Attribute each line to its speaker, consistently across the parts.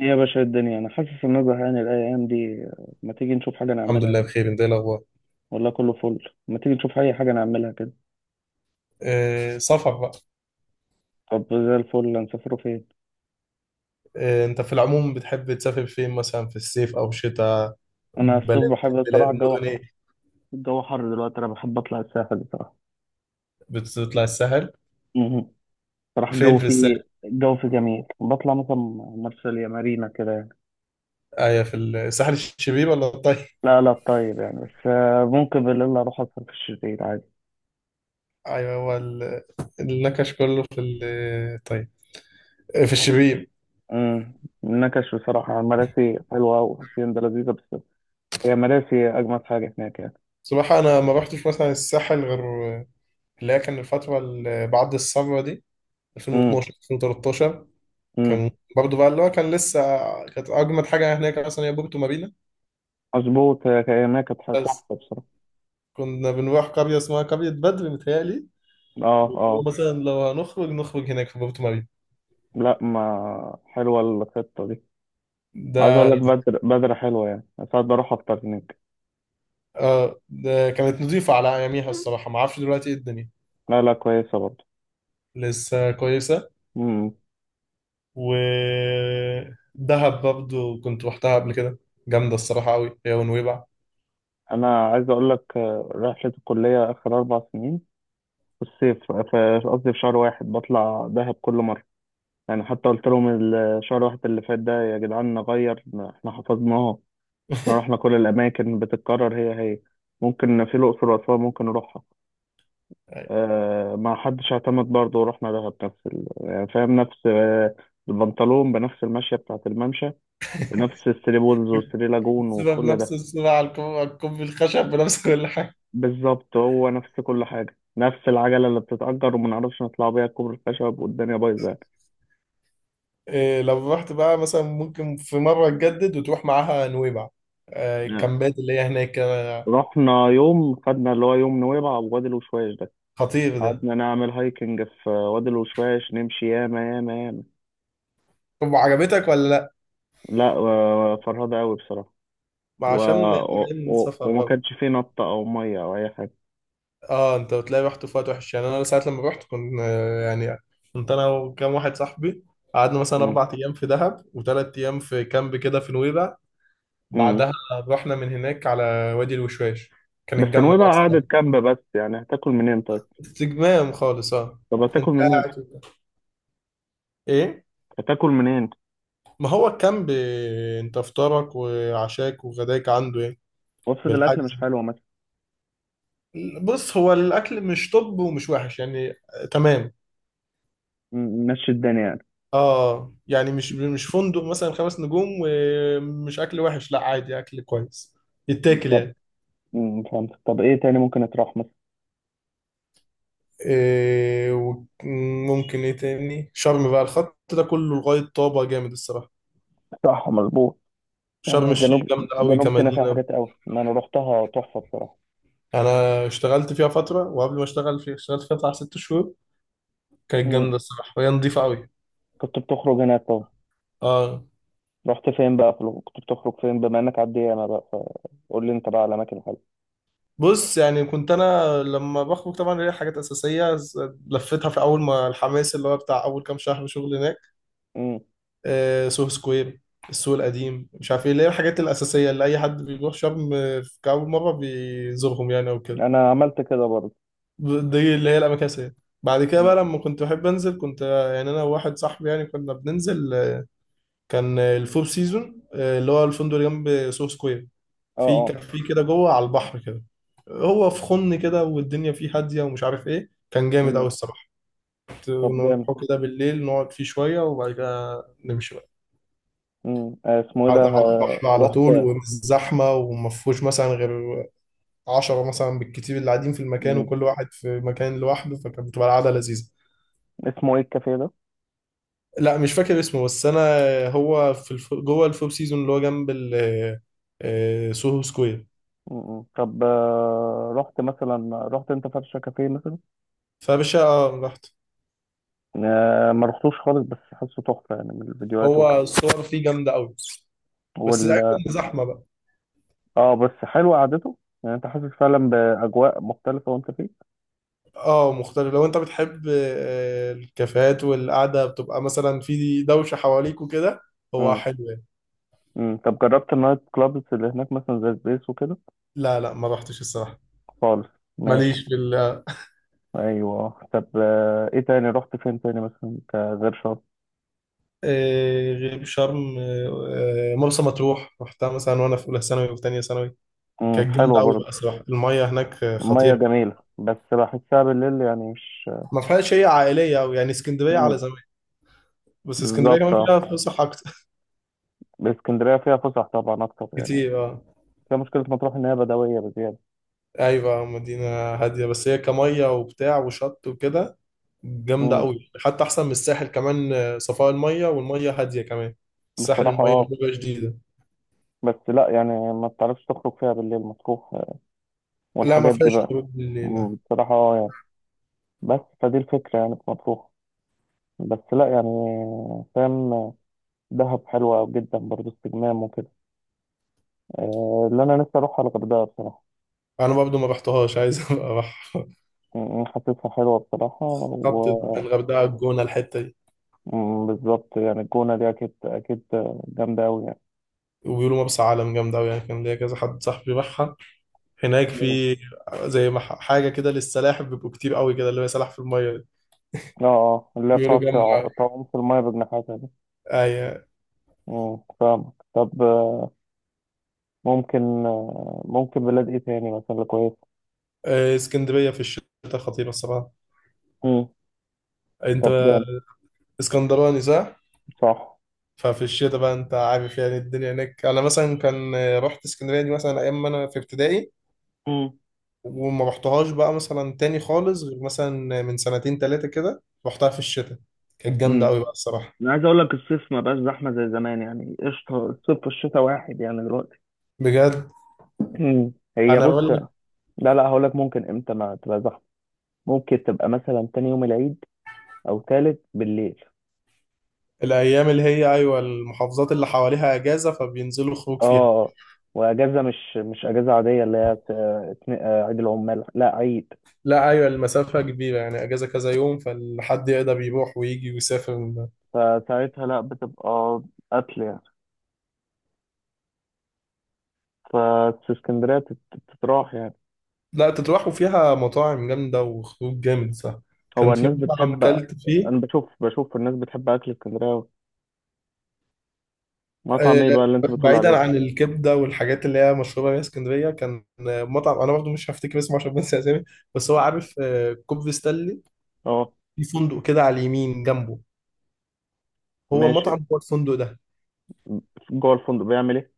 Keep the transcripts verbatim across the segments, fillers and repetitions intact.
Speaker 1: إيه يا باشا، الدنيا انا حاسس ان انا زهقان الايام دي، ما تيجي نشوف حاجه
Speaker 2: الحمد
Speaker 1: نعملها
Speaker 2: لله
Speaker 1: كده؟
Speaker 2: بخير، انت ايه الاخبار؟
Speaker 1: والله كله فل، ما تيجي نشوف اي حاجه نعملها كده؟
Speaker 2: آه، سفر بقى.
Speaker 1: طب زي الفل، هنسافروا فين؟
Speaker 2: آه، انت في العموم بتحب تسافر فين مثلا في الصيف او الشتاء؟
Speaker 1: انا الصيف
Speaker 2: بلاد.
Speaker 1: بحب
Speaker 2: بلاد،
Speaker 1: الصراحه، الجو
Speaker 2: مدن،
Speaker 1: حر.
Speaker 2: ايه؟
Speaker 1: الجو حر دلوقتي، انا بحب اطلع الساحل بصراحه.
Speaker 2: بتطلع الساحل؟
Speaker 1: مهم. صراحه
Speaker 2: فين
Speaker 1: الجو
Speaker 2: في الساحل؟
Speaker 1: فيه الجو فيه جميل، بطلع مثلا مرسى مارينا كده يعني.
Speaker 2: ايوه، في الساحل الشبيب ولا الطيب؟
Speaker 1: لا لا، طيب يعني، بس آه، ممكن بالليل اروح اسهر في الشتيل عادي.
Speaker 2: ايوه، هو ال- النكش كله في الطيب. آه، في الشبيب.
Speaker 1: امم نكش بصراحه، مراسي حلوه وحسين ده لذيذه، بس هي مراسي اجمد حاجه هناك يعني.
Speaker 2: صراحة انا ما رحتش مثلا الساحل غير اللي هي كان الفترة اللي بعد الثورة دي،
Speaker 1: امم
Speaker 2: ألفين واتناشر ألفين وتلتاشر. كان برضه بقى اللي هو كان لسه. كانت اجمد حاجة هناك مثلا هي بورتو مارينا.
Speaker 1: مظبوط، هي هي كانت
Speaker 2: بس
Speaker 1: تحفة بصراحة.
Speaker 2: كنا بنروح قرية اسمها قرية بدر، متهيألي.
Speaker 1: اه
Speaker 2: واللي هو
Speaker 1: اه.
Speaker 2: مثلا لو هنخرج نخرج هناك في بورتو ماري
Speaker 1: لا، ما حلوة الخطة دي. عايز
Speaker 2: ده.
Speaker 1: اقول لك بدر، بدر حلوة يعني، ساعات بروح افطر هناك.
Speaker 2: اه، ده كانت نضيفة على أياميها الصراحة، ما أعرفش دلوقتي إيه الدنيا.
Speaker 1: لا لا، كويسة برضه.
Speaker 2: لسه كويسة.
Speaker 1: امم
Speaker 2: و دهب برضه كنت روحتها قبل كده. جامدة الصراحة أوي، هي ونويبع.
Speaker 1: انا عايز اقول لك، آه، رحلة الكلية اخر أربع سنين في الصيف، في قصدي في شهر واحد بطلع دهب كل مرة، يعني حتى قلت لهم الشهر واحد اللي فات ده يا جدعان نغير، احنا حفظناها. احنا رحنا كل الاماكن بتتكرر هي هي. ممكن في الاقصر واسوان ممكن نروح. آه، ما حدش اعتمد برضه، ورحنا دهب نفس ال... يعني فاهم، نفس آه، البنطلون، بنفس المشية بتاعة الممشى، بنفس الثري بولز والثري لاجون
Speaker 2: السبب
Speaker 1: وكل
Speaker 2: نفس
Speaker 1: ده.
Speaker 2: السبب، على الكوب على الكوب الخشب بنفس كل حاجة.
Speaker 1: بالظبط، هو نفس كل حاجة، نفس العجلة اللي بتتأجر وما نعرفش نطلع بيها كوبري الخشب، والدنيا بايظة يعني.
Speaker 2: إيه، لو رحت بقى مثلا ممكن في مرة تجدد وتروح معاها نويبع، آه،
Speaker 1: آه،
Speaker 2: الكامبات اللي هي هناك.
Speaker 1: رحنا يوم، خدنا اللي هو يوم نويبع ووادي الوشواش ده،
Speaker 2: خطير ده.
Speaker 1: قعدنا نعمل هايكنج في وادي الوشواش، نمشي ياما ياما ياما.
Speaker 2: طب عجبتك ولا؟
Speaker 1: لا آه، فرهدة أوي بصراحة.
Speaker 2: ما
Speaker 1: و...
Speaker 2: عشان انت
Speaker 1: و...
Speaker 2: جاي من
Speaker 1: و...
Speaker 2: سفر
Speaker 1: وما
Speaker 2: بقى.
Speaker 1: كانش فيه نطة أو مية أو أي
Speaker 2: اه، انت بتلاقي رحت في وقت وحش يعني، انا ساعة لما رحت كنت آه، يعني كنت انا وكام واحد صاحبي. قعدنا مثلا
Speaker 1: حاجة.
Speaker 2: اربع ايام في دهب وثلاث ايام في كامب كده في نويبع.
Speaker 1: امم
Speaker 2: بعدها رحنا من هناك على وادي الوشواش. كانت
Speaker 1: بس
Speaker 2: جامدة بقى
Speaker 1: نويبع
Speaker 2: الصراحة.
Speaker 1: قعدت كامبة، بس يعني هتاكل منين طيب؟
Speaker 2: استجمام خالص اه.
Speaker 1: طب
Speaker 2: انت
Speaker 1: هتاكل منين؟
Speaker 2: قاعد وبتاع. ايه؟
Speaker 1: هتاكل منين؟
Speaker 2: ما هو الكامب، آه، انت افطارك وعشاك وغداك عنده ايه؟
Speaker 1: وافرض الاكل
Speaker 2: بالحجز.
Speaker 1: مش حلو مثلا؟
Speaker 2: بص، هو الاكل مش طب ومش وحش يعني، آه، تمام.
Speaker 1: مم، مشي الدنيا يعني.
Speaker 2: اه يعني مش مش فندق مثلا خمس نجوم، ومش اكل وحش، لا عادي اكل كويس، يتاكل
Speaker 1: طب
Speaker 2: يعني.
Speaker 1: امم فهمت، طب ايه تاني ممكن يتروح مثلا؟
Speaker 2: إيه؟ وممكن ايه تاني، شرم بقى الخط ده كله لغاية طابة جامد الصراحة.
Speaker 1: صح، مظبوط.
Speaker 2: شرم
Speaker 1: يعني
Speaker 2: الشيخ
Speaker 1: جنوب،
Speaker 2: جامدة قوي
Speaker 1: جنوب سيناء فيها
Speaker 2: كمدينة.
Speaker 1: حاجات قوي، ما انا روحتها تحفة بصراحة.
Speaker 2: انا اشتغلت فيها فترة، وقبل ما اشتغل فيها اشتغلت فيها بتاع ست شهور. كانت
Speaker 1: امم
Speaker 2: جامدة الصراحة وهي نضيفة قوي.
Speaker 1: كنت بتخرج هناك طبعا.
Speaker 2: اه.
Speaker 1: رحت فين بقى؟ في الغ- كنت بتخرج فين بما انك على الديانة بقى؟ فقول لي انت بقى على اماكن حلوة.
Speaker 2: بص يعني كنت انا لما بخرج طبعا ليا حاجات اساسية، ز- لفيتها في اول ما الحماس اللي هو بتاع اول كام شهر شغل هناك.
Speaker 1: امم
Speaker 2: آه، سوهو سكوير، السوق القديم، مش عارف ايه اللي هي الحاجات الاساسيه اللي اي حد بيروح شرم آه، في كاول مره بيزورهم يعني او كده.
Speaker 1: انا عملت كده برضه.
Speaker 2: ب- دي اللي هي الاماكن الاساسيه. بعد كده بقى
Speaker 1: مم.
Speaker 2: لما كنت بحب انزل كنت آه، يعني انا وواحد صاحبي يعني كنا بننزل آه، كان آه، الفور سيزون، آه، اللي هو الفندق اللي جنب سوهو سكوير،
Speaker 1: اه
Speaker 2: في
Speaker 1: اه.
Speaker 2: كافيه كده جوه على البحر كده. هو في خن كده والدنيا فيه هاديه ومش عارف ايه، كان جامد قوي
Speaker 1: مم.
Speaker 2: الصراحه. كنت
Speaker 1: طب
Speaker 2: كنا
Speaker 1: جامد.
Speaker 2: نروح كده بالليل نقعد فيه شويه وبعد كده نمشي بقى.
Speaker 1: مم. آه، اسمه ايه ده؟
Speaker 2: قاعد على
Speaker 1: آه،
Speaker 2: البحر على طول
Speaker 1: رحت.
Speaker 2: ومش زحمة، وما فيهوش مثلا غير عشرة مثلا بالكتير اللي قاعدين في المكان،
Speaker 1: مم.
Speaker 2: وكل واحد في مكان لوحده، فكانت بتبقى القعدة لذيذة.
Speaker 1: اسمه ايه الكافيه ده؟
Speaker 2: لا، مش فاكر اسمه بس أنا، هو في الف... جوه الفور سيزون اللي هو جنب ال آه، سوهو سكوير.
Speaker 1: م- م. طب آه، رحت مثلا، رحت انت فرشة كافيه مثلا؟
Speaker 2: فباشا آه، رحت.
Speaker 1: آه، ما رحتوش خالص، بس حاسه تحفة يعني من الفيديوهات
Speaker 2: هو
Speaker 1: وكده.
Speaker 2: الصور فيه جامدة أوي، بس العيب
Speaker 1: وال
Speaker 2: إن زحمة بقى.
Speaker 1: اه بس حلو قعدته، يعني انت حاسس فعلا بأجواء مختلفة وانت فيه.
Speaker 2: اه مختلف، لو انت بتحب آه، الكافيهات والقعدة بتبقى مثلا في دوشة حواليك وكده، هو
Speaker 1: امم
Speaker 2: حلو يعني.
Speaker 1: امم طب جربت النايت كلابز اللي هناك مثلا زي سبيس وكده؟
Speaker 2: لا لا ما رحتش الصراحة.
Speaker 1: خالص.
Speaker 2: ماليش
Speaker 1: ماشي.
Speaker 2: في.
Speaker 1: ايوه، طب آه، ايه تاني رحت فين تاني مثلا كغير شرم؟
Speaker 2: آه، غير شرم، آه، آه، مرسى مطروح رحتها مثلا وانا في اولى ثانوي وفي ثانيه ثانوي.
Speaker 1: امم
Speaker 2: كانت جامده
Speaker 1: حلوة
Speaker 2: قوي
Speaker 1: برضه.
Speaker 2: بقى صراحه، الميه هناك آه،
Speaker 1: المية
Speaker 2: خطيره.
Speaker 1: جميلة، بس بحسها بالليل يعني مش.
Speaker 2: ما فيهاش، هي عائليه قوي يعني اسكندريه على
Speaker 1: مم.
Speaker 2: زمان. بس اسكندريه
Speaker 1: بالظبط،
Speaker 2: كمان
Speaker 1: اه.
Speaker 2: فيها فسح اكتر.
Speaker 1: اسكندريه فيها فسح طبعا اكتر يعني.
Speaker 2: كتير اه.
Speaker 1: فيها مشكله مطروح، ان هي بدويه بزياده.
Speaker 2: ايوه مدينه هاديه، بس هي كميه وبتاع وشط وكده. جامده
Speaker 1: امم
Speaker 2: قوي، حتى احسن من الساحل كمان، آه، صفاء الميه والميه هاديه كمان. الساحل
Speaker 1: بصراحه،
Speaker 2: الميه
Speaker 1: اه.
Speaker 2: بتبقى شديده.
Speaker 1: بس لا يعني، ما بتعرفش تخرج فيها بالليل مطروح، آه،
Speaker 2: لا، ما
Speaker 1: والحاجات دي
Speaker 2: فيهاش
Speaker 1: بقى.
Speaker 2: خروج بالليل، لا.
Speaker 1: مم، بصراحه اه يعني، بس فدي الفكره يعني في مطروح. بس لا يعني. فاهم. دهب حلوه جدا برضه، استجمام وكده. آه، اللي انا نفسي اروحها الغردقه بصراحه.
Speaker 2: انا برضو ما رحتها، مش عايز ابقى اروح.
Speaker 1: مم، حاسسها حلوه بصراحه.
Speaker 2: خطط. الغردقه، الجونه، الحته دي.
Speaker 1: وبالظبط، يعني الجونه دي اكيد اكيد جامده قوي يعني.
Speaker 2: وبيقولوا مرسى علم جامدة أوي يعني، كان ليا كذا حد صاحبي راحها هناك،
Speaker 1: مم.
Speaker 2: في زي ما ح- حاجة كده للسلاحف، بيبقوا كتير أوي كده اللي هي سلاحف في المية دي.
Speaker 1: اه اه، اللي هي
Speaker 2: بيقولوا
Speaker 1: بتقعد
Speaker 2: جامدة
Speaker 1: تع-
Speaker 2: أوي.
Speaker 1: تعوم في المايه بجناحاتها.
Speaker 2: أيوة.
Speaker 1: مم. فاهمك، طب آه، ممكن آه، ممكن بلاد ايه تاني مثلا اللي كويس؟
Speaker 2: آه، اسكندرية في الشتاء خطيرة الصراحة.
Speaker 1: مم.
Speaker 2: أنت
Speaker 1: طب جامد.
Speaker 2: اسكندراني صح؟
Speaker 1: صح.
Speaker 2: ففي الشتاء بقى أنت عارف، يعني الدنيا هناك أنا مثلا كان آه، رحت اسكندرية دي مثلا أيام ما أنا في ابتدائي.
Speaker 1: امم
Speaker 2: وما رحتهاش بقى مثلا تاني خالص، غير مثلا من سنتين تلاتة كده رحتها في الشتاء. كانت جامدة
Speaker 1: امم
Speaker 2: أوي بقى الصراحة.
Speaker 1: انا عايز اقول لك، الصيف ما بقاش زحمه زي زمان يعني، قشطه، الصيف والشتاء واحد يعني دلوقتي.
Speaker 2: بجد؟
Speaker 1: مم. هي
Speaker 2: أنا
Speaker 1: بص،
Speaker 2: بقول
Speaker 1: لا لا، هقول لك ممكن امتى ما تبقى زحمه. ممكن تبقى مثلا تاني يوم العيد، او تالت بالليل.
Speaker 2: الايام اللي هي ايوه، المحافظات اللي حواليها اجازه فبينزلوا خروج فيها.
Speaker 1: اه. واجازه، مش مش اجازه عاديه، اللي هي ت- اتنين- آه، عيد العمال، لا عيد.
Speaker 2: لا، ايوه المسافه كبيره يعني، اجازه كذا يوم فالحد يقدر يروح ويجي ويسافر من ده.
Speaker 1: فساعتها لا بتبقى قتل يعني، ففي اسكندرية تت- تتراح يعني.
Speaker 2: لا، تتراحوا فيها مطاعم جامده وخروج جامد صح.
Speaker 1: هو
Speaker 2: كان في
Speaker 1: الناس
Speaker 2: مطعم
Speaker 1: بتحب،
Speaker 2: اكلت فيه،
Speaker 1: أنا بشوف بشوف الناس بتحب أكل اسكندرية أوي.
Speaker 2: آه،
Speaker 1: مطعم إيه بقى اللي أنت بتقول
Speaker 2: بعيدا
Speaker 1: عليه؟
Speaker 2: عن الكبده والحاجات اللي هي مشهوره بيها اسكندريه، كان آه، مطعم انا برضه مش هفتكر اسمه عشان بنسى اسامي، بس هو عارف آه، كوبري ستانلي،
Speaker 1: أه.
Speaker 2: في فندق كده على اليمين جنبه. هو
Speaker 1: ماشي.
Speaker 2: المطعم هو الفندق ده.
Speaker 1: جوه الفندق بيعمل إيه؟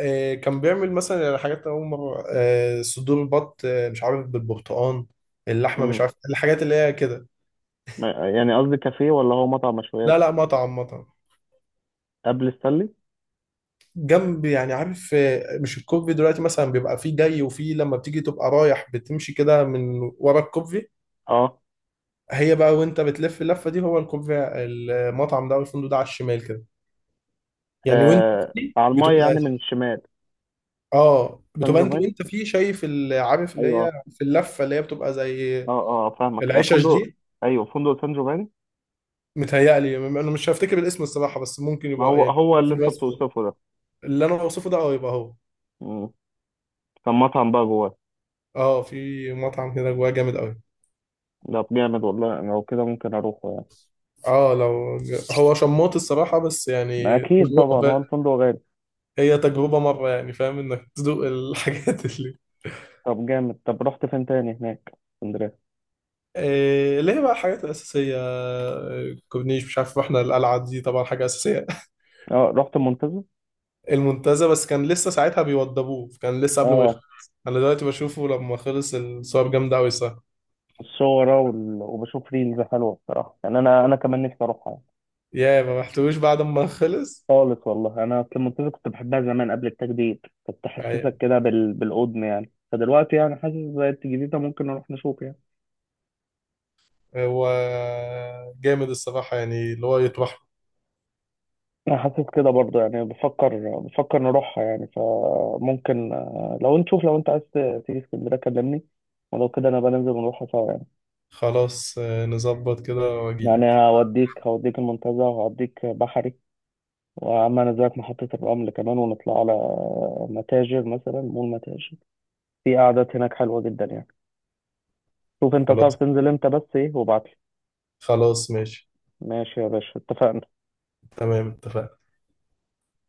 Speaker 2: آه، كان بيعمل مثلا يعني حاجات أول مرة، آه، صدور بط، آه، مش عارف بالبرتقال، اللحمة، مش
Speaker 1: مم.
Speaker 2: عارف الحاجات اللي هي كده.
Speaker 1: ما- يعني قصدي، كافيه ولا هو مطعم
Speaker 2: لا
Speaker 1: مشويات؟
Speaker 2: لا مطعم مطعم.
Speaker 1: قبل السلي؟
Speaker 2: جنب يعني عارف آه، مش الكوفي دلوقتي مثلا بيبقى فيه جاي، وفيه لما بتيجي تبقى رايح بتمشي كده من ورا الكوفي.
Speaker 1: أه،
Speaker 2: هي بقى وانت بتلف اللفة دي، هو الكوفي المطعم ده والفندق ده على الشمال كده يعني. وانت
Speaker 1: آه،
Speaker 2: فيه
Speaker 1: على المايه
Speaker 2: بتبقى،
Speaker 1: يعني من الشمال.
Speaker 2: اه
Speaker 1: سان
Speaker 2: بتبقى انت
Speaker 1: جوفاني؟
Speaker 2: وانت فيه شايف ال- عارف اللي
Speaker 1: أيوه.
Speaker 2: هي في اللفة اللي هي بتبقى زي
Speaker 1: أه أه، آه، فاهمك، آه،
Speaker 2: العشش
Speaker 1: فندق.
Speaker 2: دي.
Speaker 1: أيوه، فندق سان جوفاني.
Speaker 2: متهيألي م- انا مش هفتكر الاسم الصراحه، بس ممكن
Speaker 1: ما
Speaker 2: يبقى
Speaker 1: هو
Speaker 2: يعني
Speaker 1: هو
Speaker 2: في
Speaker 1: اللي أنت
Speaker 2: الوصف ده.
Speaker 1: بتوصفه ده.
Speaker 2: اللي انا اوصفه ده اه يبقى هو.
Speaker 1: مم. كان مطعم بقى جواه.
Speaker 2: اه، في مطعم كده جواه جامد قوي.
Speaker 1: ده جامد والله، لو كده ممكن أروحه يعني.
Speaker 2: اه لو ج- هو شموت الصراحه، بس
Speaker 1: ما
Speaker 2: يعني
Speaker 1: أكيد
Speaker 2: تجربه
Speaker 1: طبعا، هو
Speaker 2: فاهم.
Speaker 1: الفندق غالي.
Speaker 2: هي تجربه مره يعني فاهم انك تدوق الحاجات اللي
Speaker 1: طب جامد، طب رحت فين تاني هناك في اسكندرية؟
Speaker 2: إيه اللي هي بقى الحاجات الاساسيه، آه، كورنيش مش عارف احنا، القلعه دي طبعا حاجه اساسيه.
Speaker 1: اه، رحت المنتزه.
Speaker 2: المنتزه بس كان لسه ساعتها بيوضبوه، كان لسه قبل ما
Speaker 1: اه
Speaker 2: يخلص، انا دلوقتي بشوفه لما خلص الصور جامده قوي الصراحه.
Speaker 1: الصورة وال... وبشوف ريلز حلوة بصراحة يعني، أنا أنا كمان نفسي أروحها يعني.
Speaker 2: يا ما رحتوش بعد ما خلص.
Speaker 1: خالص والله، أنا أصل المنتزه كنت بحبها زمان قبل التجديد، كنت تحسسك
Speaker 2: يعني
Speaker 1: كده بال... بالقدم يعني، فدلوقتي يعني حاسس زي الجديدة، ممكن نروح نشوف يعني.
Speaker 2: هو جامد الصراحة يعني اللي هو يطرح.
Speaker 1: أنا حاسس كده برضه يعني، بفكر بفكر نروحها يعني، فممكن آه، لو نشوف، لو أنت عايز ت- تيجي اسكندرية كلمني، ولو كده أنا بنزل ونروحها سوا يعني.
Speaker 2: خلاص، آه، نظبط كده
Speaker 1: يعني
Speaker 2: واجيلك.
Speaker 1: هوديك هوديك المنتزه، وهوديك بحري، وعملنا دلوقتي محطة الرمل كمان، ونطلع على متاجر مثلا، مول متاجر. في قعدات هناك حلوة جدا يعني. شوف انت تعرف
Speaker 2: خلاص
Speaker 1: تنزل امتى، بس ايه وابعتلي.
Speaker 2: خلاص ماشي.
Speaker 1: ماشي يا باشا، اتفقنا.
Speaker 2: تمام اتفقنا.